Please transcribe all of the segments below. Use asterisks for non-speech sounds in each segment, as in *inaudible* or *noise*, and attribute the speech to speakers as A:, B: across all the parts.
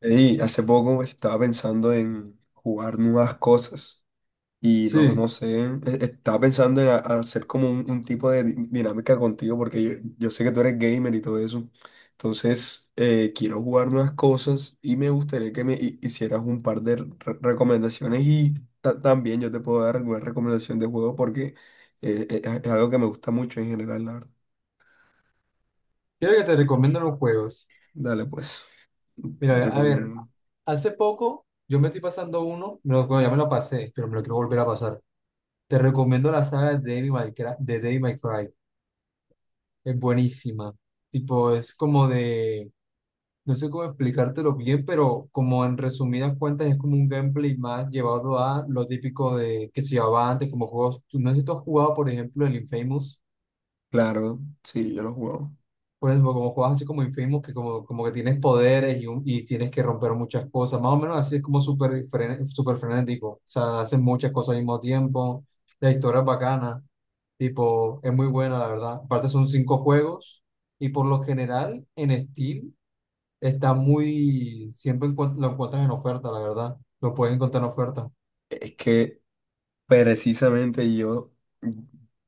A: Y hace poco estaba pensando en jugar nuevas cosas y no, no
B: Sí,
A: sé, e- estaba pensando en hacer como un tipo de dinámica contigo porque yo sé que tú eres gamer y todo eso. Entonces, quiero jugar nuevas cosas y me gustaría que me hicieras un par de recomendaciones y también yo te puedo dar alguna recomendación de juego porque es algo que me gusta mucho en general, la verdad.
B: quiero que te recomiendo los juegos.
A: Dale, pues,
B: Mira, a
A: recomiéndame
B: ver,
A: uno.
B: hace poco yo me estoy pasando uno, bueno, ya me lo pasé, pero me lo quiero volver a pasar. Te recomiendo la saga de Devil May Cry. Es buenísima. Tipo, es como de, no sé cómo explicártelo bien, pero como en resumidas cuentas es como un gameplay más llevado a lo típico de que se llevaba antes, como juegos. No sé si tú has jugado, por ejemplo, el Infamous.
A: Claro, sí, yo lo juego.
B: Por ejemplo como juegas así como Infamous, que como que tienes poderes y tienes que romper muchas cosas, más o menos así es como súper frenético, o sea, hacen muchas cosas al mismo tiempo, la historia es bacana, tipo, es muy buena, la verdad. Aparte son cinco juegos y por lo general en Steam está muy, siempre lo encuentras en oferta, la verdad, lo puedes encontrar en oferta.
A: Es que Precisamente yo,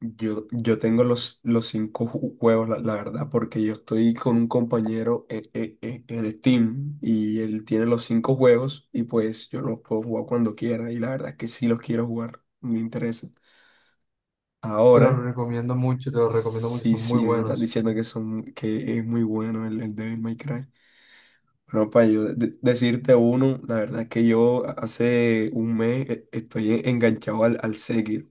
A: yo, yo tengo los 5 juegos, la verdad, porque yo estoy con un compañero en Steam y él tiene los 5 juegos y pues yo los puedo jugar cuando quiera y la verdad es que sí los quiero jugar, me interesa.
B: Te lo
A: Ahora,
B: recomiendo mucho, te lo recomiendo mucho,
A: sí,
B: son muy
A: sí, me están
B: buenos.
A: diciendo que es muy bueno el Devil May Cry. Bueno, para yo decirte uno, la verdad es que yo hace un mes estoy enganchado al Sekiro.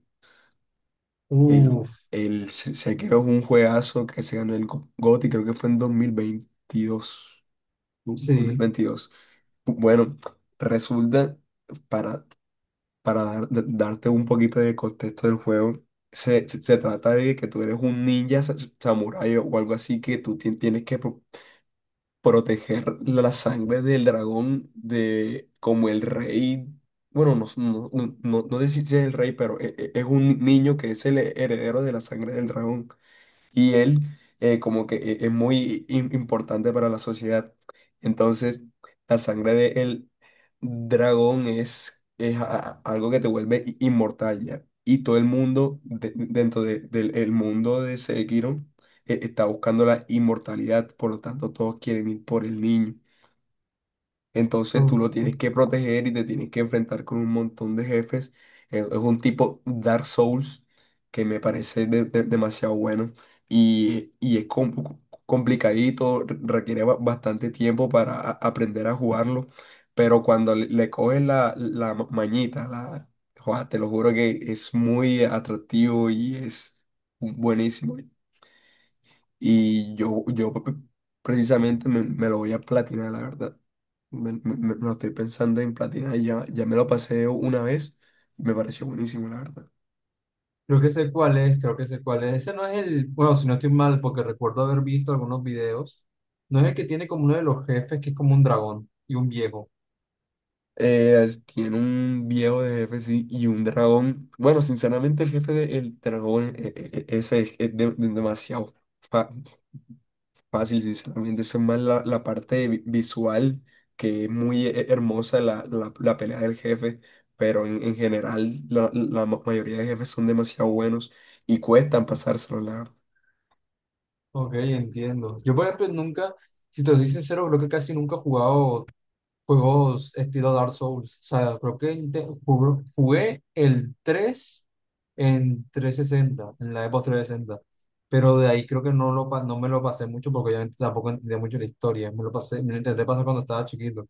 B: Uf,
A: Sekiro es un juegazo que se ganó el GOTY, creo que fue en 2022, dos mil
B: sí.
A: veintidós Bueno, resulta, para, para darte un poquito de contexto del juego, se trata de que tú eres un ninja samurái o algo así que tú tienes que proteger la sangre del dragón de como el rey. Bueno, no sé si es el rey, pero es un niño que es el heredero de la sangre del dragón y él, como que es muy importante para la sociedad. Entonces, la sangre del dragón es algo que te vuelve inmortal ya. Y todo el mundo dentro del el mundo de Sekiro, está buscando la inmortalidad, por lo tanto todos quieren ir por el niño. Entonces
B: Uf.
A: tú lo tienes que proteger y te tienes que enfrentar con un montón de jefes. Es un tipo Dark Souls que me parece demasiado bueno y es complicadito, requiere bastante tiempo para aprender a jugarlo, pero cuando le coges mañita, la, joa, te lo juro que es muy atractivo y es buenísimo. Y yo, yo pe- Precisamente me lo voy a platinar, la verdad. Me lo estoy pensando en platinar y ya me lo pasé una vez y me pareció buenísimo, la verdad.
B: Creo que sé cuál es, creo que sé cuál es. Ese no es el, bueno, si no estoy mal, porque recuerdo haber visto algunos videos. No es el que tiene como uno de los jefes, que es como un dragón y un viejo.
A: Tiene un viejo de jefe, sí, y un dragón. Bueno, sinceramente el jefe del dragón, ese es demasiado fácil, sinceramente, eso es más la parte visual, que es muy hermosa la pelea del jefe, pero en general mayoría de jefes son demasiado buenos y cuestan pasárselo, la verdad.
B: Ok, entiendo. Yo, por ejemplo, nunca, si te soy sincero, creo que casi nunca he jugado juegos estilo Dark Souls. O sea, creo que jugué el 3 en 360 en la Xbox 360. Pero de ahí creo que no, no me lo pasé mucho porque obviamente tampoco entendía mucho la historia. Me lo pasé, me lo intenté pasar cuando estaba chiquito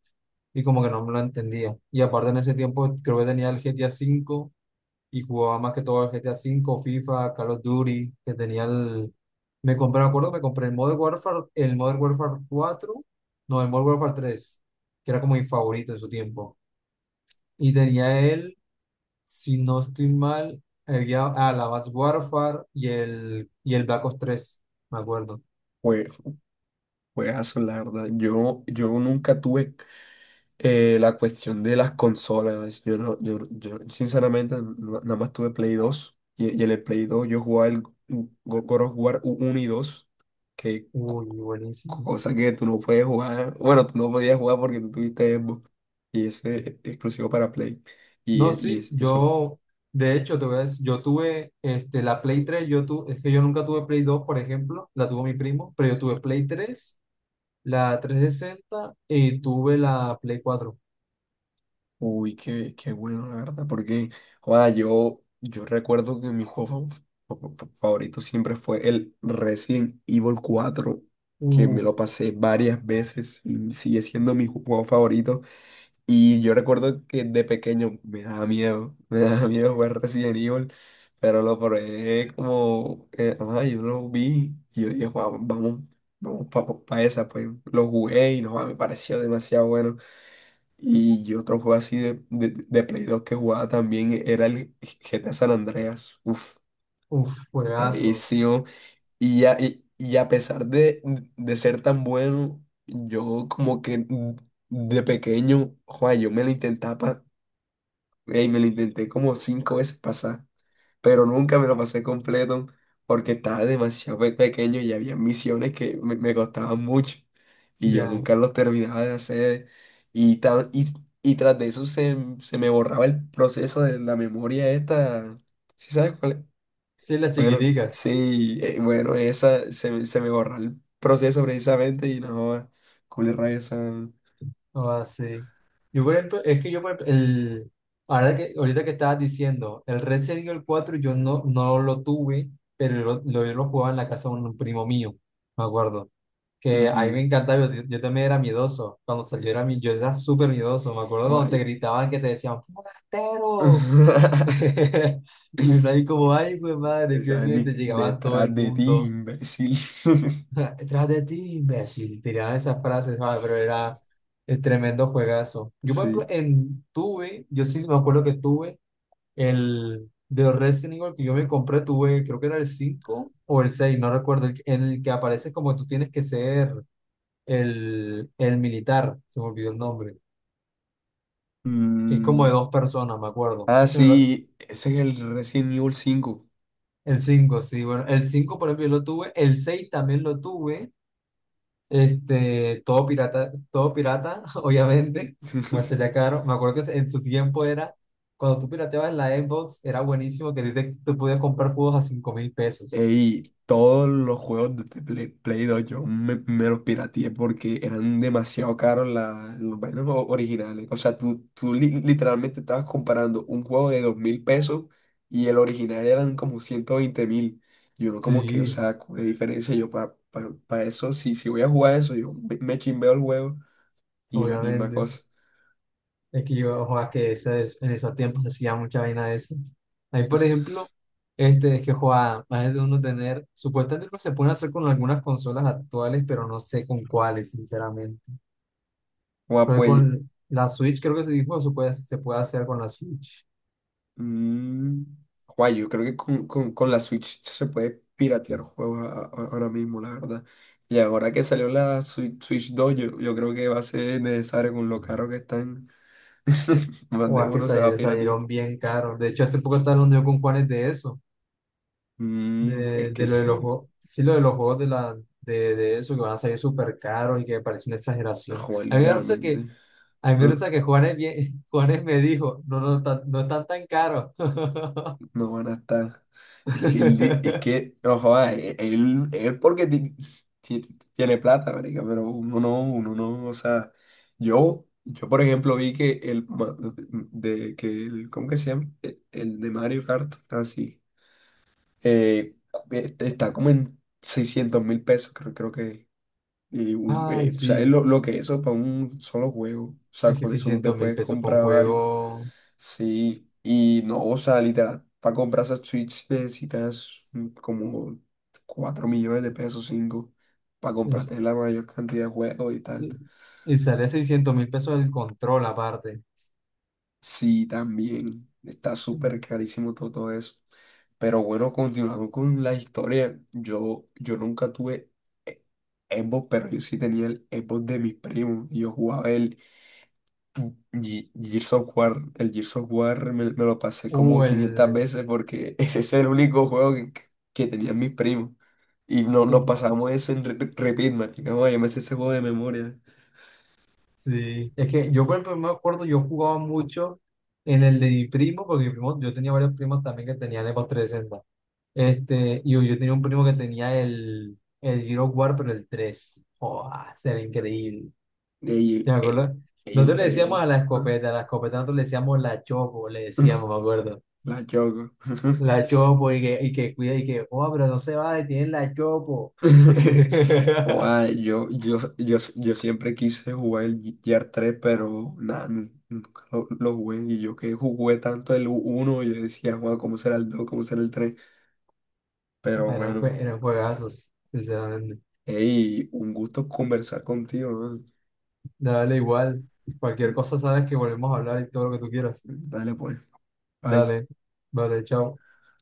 B: y como que no me lo entendía. Y aparte en ese tiempo creo que tenía el GTA V y jugaba más que todo el GTA cinco, FIFA, Call of Duty, que tenía el... Me compré, me acuerdo, me compré el Modern Warfare cuatro no, el Modern Warfare tres, que era como mi favorito en su tiempo. Y tenía él, si no estoy mal, había, la Advanced Warfare y el Black Ops tres, me acuerdo.
A: Jue- Juegazo, la verdad. Yo nunca tuve la cuestión de las consolas. Yo sinceramente, nada más tuve Play 2 y en el Play 2 yo jugaba el God of War 1 y 2 que
B: Uy, buenísimos.
A: cosa que tú no puedes jugar, bueno, tú no podías jugar porque tú tuviste Xbox y ese es exclusivo para Play. Y,
B: No, sí,
A: y eso,
B: yo, de hecho, te voy a decir, yo tuve la Play tres, es que yo nunca tuve Play dos, por ejemplo, la tuvo mi primo, pero yo tuve Play tres, la 360 y tuve la Play 4.
A: uy, qué, qué bueno, la verdad, porque, joda, yo recuerdo que mi juego favorito siempre fue el Resident Evil 4, que me
B: Uf,
A: lo pasé varias veces y sigue siendo mi juego favorito. Y yo recuerdo que de pequeño me daba miedo jugar Resident Evil, pero lo probé como, ajá, yo lo vi y yo dije, "Guau, vamos, vamos para esa", pues lo jugué y no, guau, me pareció demasiado bueno. Y otro juego así de Play 2 que jugaba también era el GTA San Andreas, uf,
B: uf, juegazos.
A: buenísimo. Y, y a pesar de ser tan bueno, yo como que de pequeño, joa, yo me lo intentaba Ey, me lo intenté como 5 veces pasar, pero nunca me lo pasé completo porque estaba demasiado pequeño y había misiones que me costaban mucho y yo
B: Ya.
A: nunca los terminaba de hacer y, y tras de eso se, se me borraba el proceso de la memoria esta, ¿sí sabes cuál es?
B: Sí, las
A: Bueno,
B: chiquiticas.
A: sí, bueno, esa se, se me borra el proceso precisamente y no, culé rabia esa.
B: Oh, Ah, sí. Yo, por ejemplo, es que yo, por ejemplo, el, ahora que, ahorita que estabas diciendo, el Resident Evil cuatro yo no, no lo tuve, pero yo lo jugaba en la casa de un primo mío, me acuerdo. Que a mí
A: Ujú,
B: me encantaba, yo también era miedoso. Cuando salió era yo era súper miedoso. Me acuerdo cuando te
A: ay.
B: gritaban que te decían, ¡Forastero!
A: *laughs*
B: *laughs* Y uno ahí como, ay, pues madre,
A: Es
B: qué miedo, y
A: Andy
B: te llegaban todo
A: detrás
B: el
A: de ti,
B: mundo.
A: imbécil. *laughs*
B: *laughs* Tras de ti, imbécil, tiraban esas frases, ¿sabes? Pero era el tremendo juegazo. Yo, por ejemplo,
A: Sí.
B: yo sí me acuerdo que tuve el de Resident Evil que yo me compré, tuve, creo que era el 5 o el seis, no recuerdo, el en el que aparece como tú tienes que ser el militar, se me olvidó el nombre, que es como de
A: Mm,
B: dos personas, me acuerdo.
A: ah,
B: Ese, me lo,
A: sí, ese es el Resident Evil 5.
B: el 5 sí, bueno, el 5 por ejemplo yo lo tuve, el 6 también lo tuve, todo pirata, *laughs* obviamente, pues
A: *laughs*
B: sería caro, me acuerdo que en su tiempo era, cuando tú pirateabas en la Xbox, era buenísimo que a ti tú podías comprar juegos a 5.000 pesos,
A: Y todos los juegos de Play, Play 2 yo me los pirateé porque eran demasiado caros los vainos originales. O sea, tú literalmente estabas comparando un juego de 2.000 pesos y el original eran como 120.000. Y uno como que, o
B: sí,
A: sea, ¿cuál es la diferencia? Yo para eso, si, si voy a jugar eso, yo me chimbeo el juego y es la misma
B: obviamente,
A: cosa.
B: es que yo, ojo, que ese en esos tiempos se hacía mucha vaina de esas, ahí por ejemplo, es que, joa, más de uno tener, supuestamente lo que se pueden hacer con algunas consolas actuales, pero no sé con cuáles, sinceramente.
A: Bueno,
B: Pero
A: pues
B: con la Switch creo que se dijo se puede, hacer con la Switch.
A: mm, guay, yo creo que con, con la Switch se puede piratear juegos ahora mismo, la verdad. Y ahora que salió la Switch, Switch 2, yo creo que va a ser necesario con lo caro que están. *laughs* Más
B: O
A: de
B: a que
A: uno se va a piratear.
B: salieron bien caros. De hecho, hace poco estaba hablando yo con Juanes de eso.
A: Mm, es
B: De,
A: que
B: de lo de los
A: sí,
B: juegos. Sí, lo de los juegos de eso, que van a salir súper caros y que me parece una exageración.
A: joder,
B: A mí me parece
A: literalmente,
B: que, a mí me
A: ¿no?
B: parece que Juanes, bien, *laughs* Juanes me dijo, no, no, no están tan caros. *laughs*
A: No van a estar. Es que, es que, no joda, él porque ti- tiene plata, marica, pero uno no, o sea, yo por ejemplo vi que el, que el, ¿cómo que se llama? El de Mario Kart, así, eh, está como en 600.000 pesos, creo, creo que, y
B: Ay,
A: tú sabes
B: sí.
A: lo que eso para un solo juego, o sea,
B: Es que
A: con eso tú te
B: seiscientos mil
A: puedes
B: pesos por un
A: comprar varios.
B: juego.
A: Sí, y no, o sea, literal, para comprar esa Switch necesitas mm, como 4 millones de pesos, cinco, para
B: es-
A: comprarte la mayor cantidad de juegos y
B: Y,
A: tal.
B: y sale 600.000 pesos el control aparte.
A: Sí, también, está
B: Sí.
A: súper carísimo todo, todo eso. Pero bueno, continuando con la historia, yo nunca tuve e- Xbox, pero yo sí tenía el Xbox de mis primos, y yo jugaba el, Gears of War, el Gears of War me lo pasé como
B: Uh,
A: 500
B: el,
A: veces porque *laughs* ese es el único juego que tenían mis primos. Y no,
B: eh,
A: nos pasamos eso en repeat, marica. Oye, me sé ese juego de memoria.
B: sí. Es que yo, por ejemplo, me acuerdo, yo jugaba mucho en el de mi primo, porque mi primo, yo tenía varios primos también que tenían Xbox 360. Y yo tenía un primo que tenía el Gears of War, pero el 3, ¡Joda! Se ve increíble.
A: Y el,
B: Yo me
A: eh,
B: acuerdo.
A: y el
B: Nosotros le decíamos
A: 3, ah,
B: a la escopeta nosotros le decíamos la chopo, le decíamos, me
A: *laughs*
B: acuerdo.
A: la choco.
B: La chopo y que, cuida y que, oh, pero no se va, tiene la chopo.
A: *laughs*
B: *laughs*
A: Oa, yo siempre quise jugar el Gear 3, pero nada, nunca lo, lo jugué. Y yo que jugué tanto el uno yo decía, Juan, ¿cómo será el dos? ¿Cómo será el tres? Pero
B: Ah, Eran,
A: bueno,
B: jue- eran juegazos, sinceramente.
A: hey, un gusto conversar contigo, ¿no?
B: Dale igual. Cualquier cosa sabes que volvemos a hablar y todo lo que tú quieras.
A: Dale pues, bye.
B: Dale, vale, chao.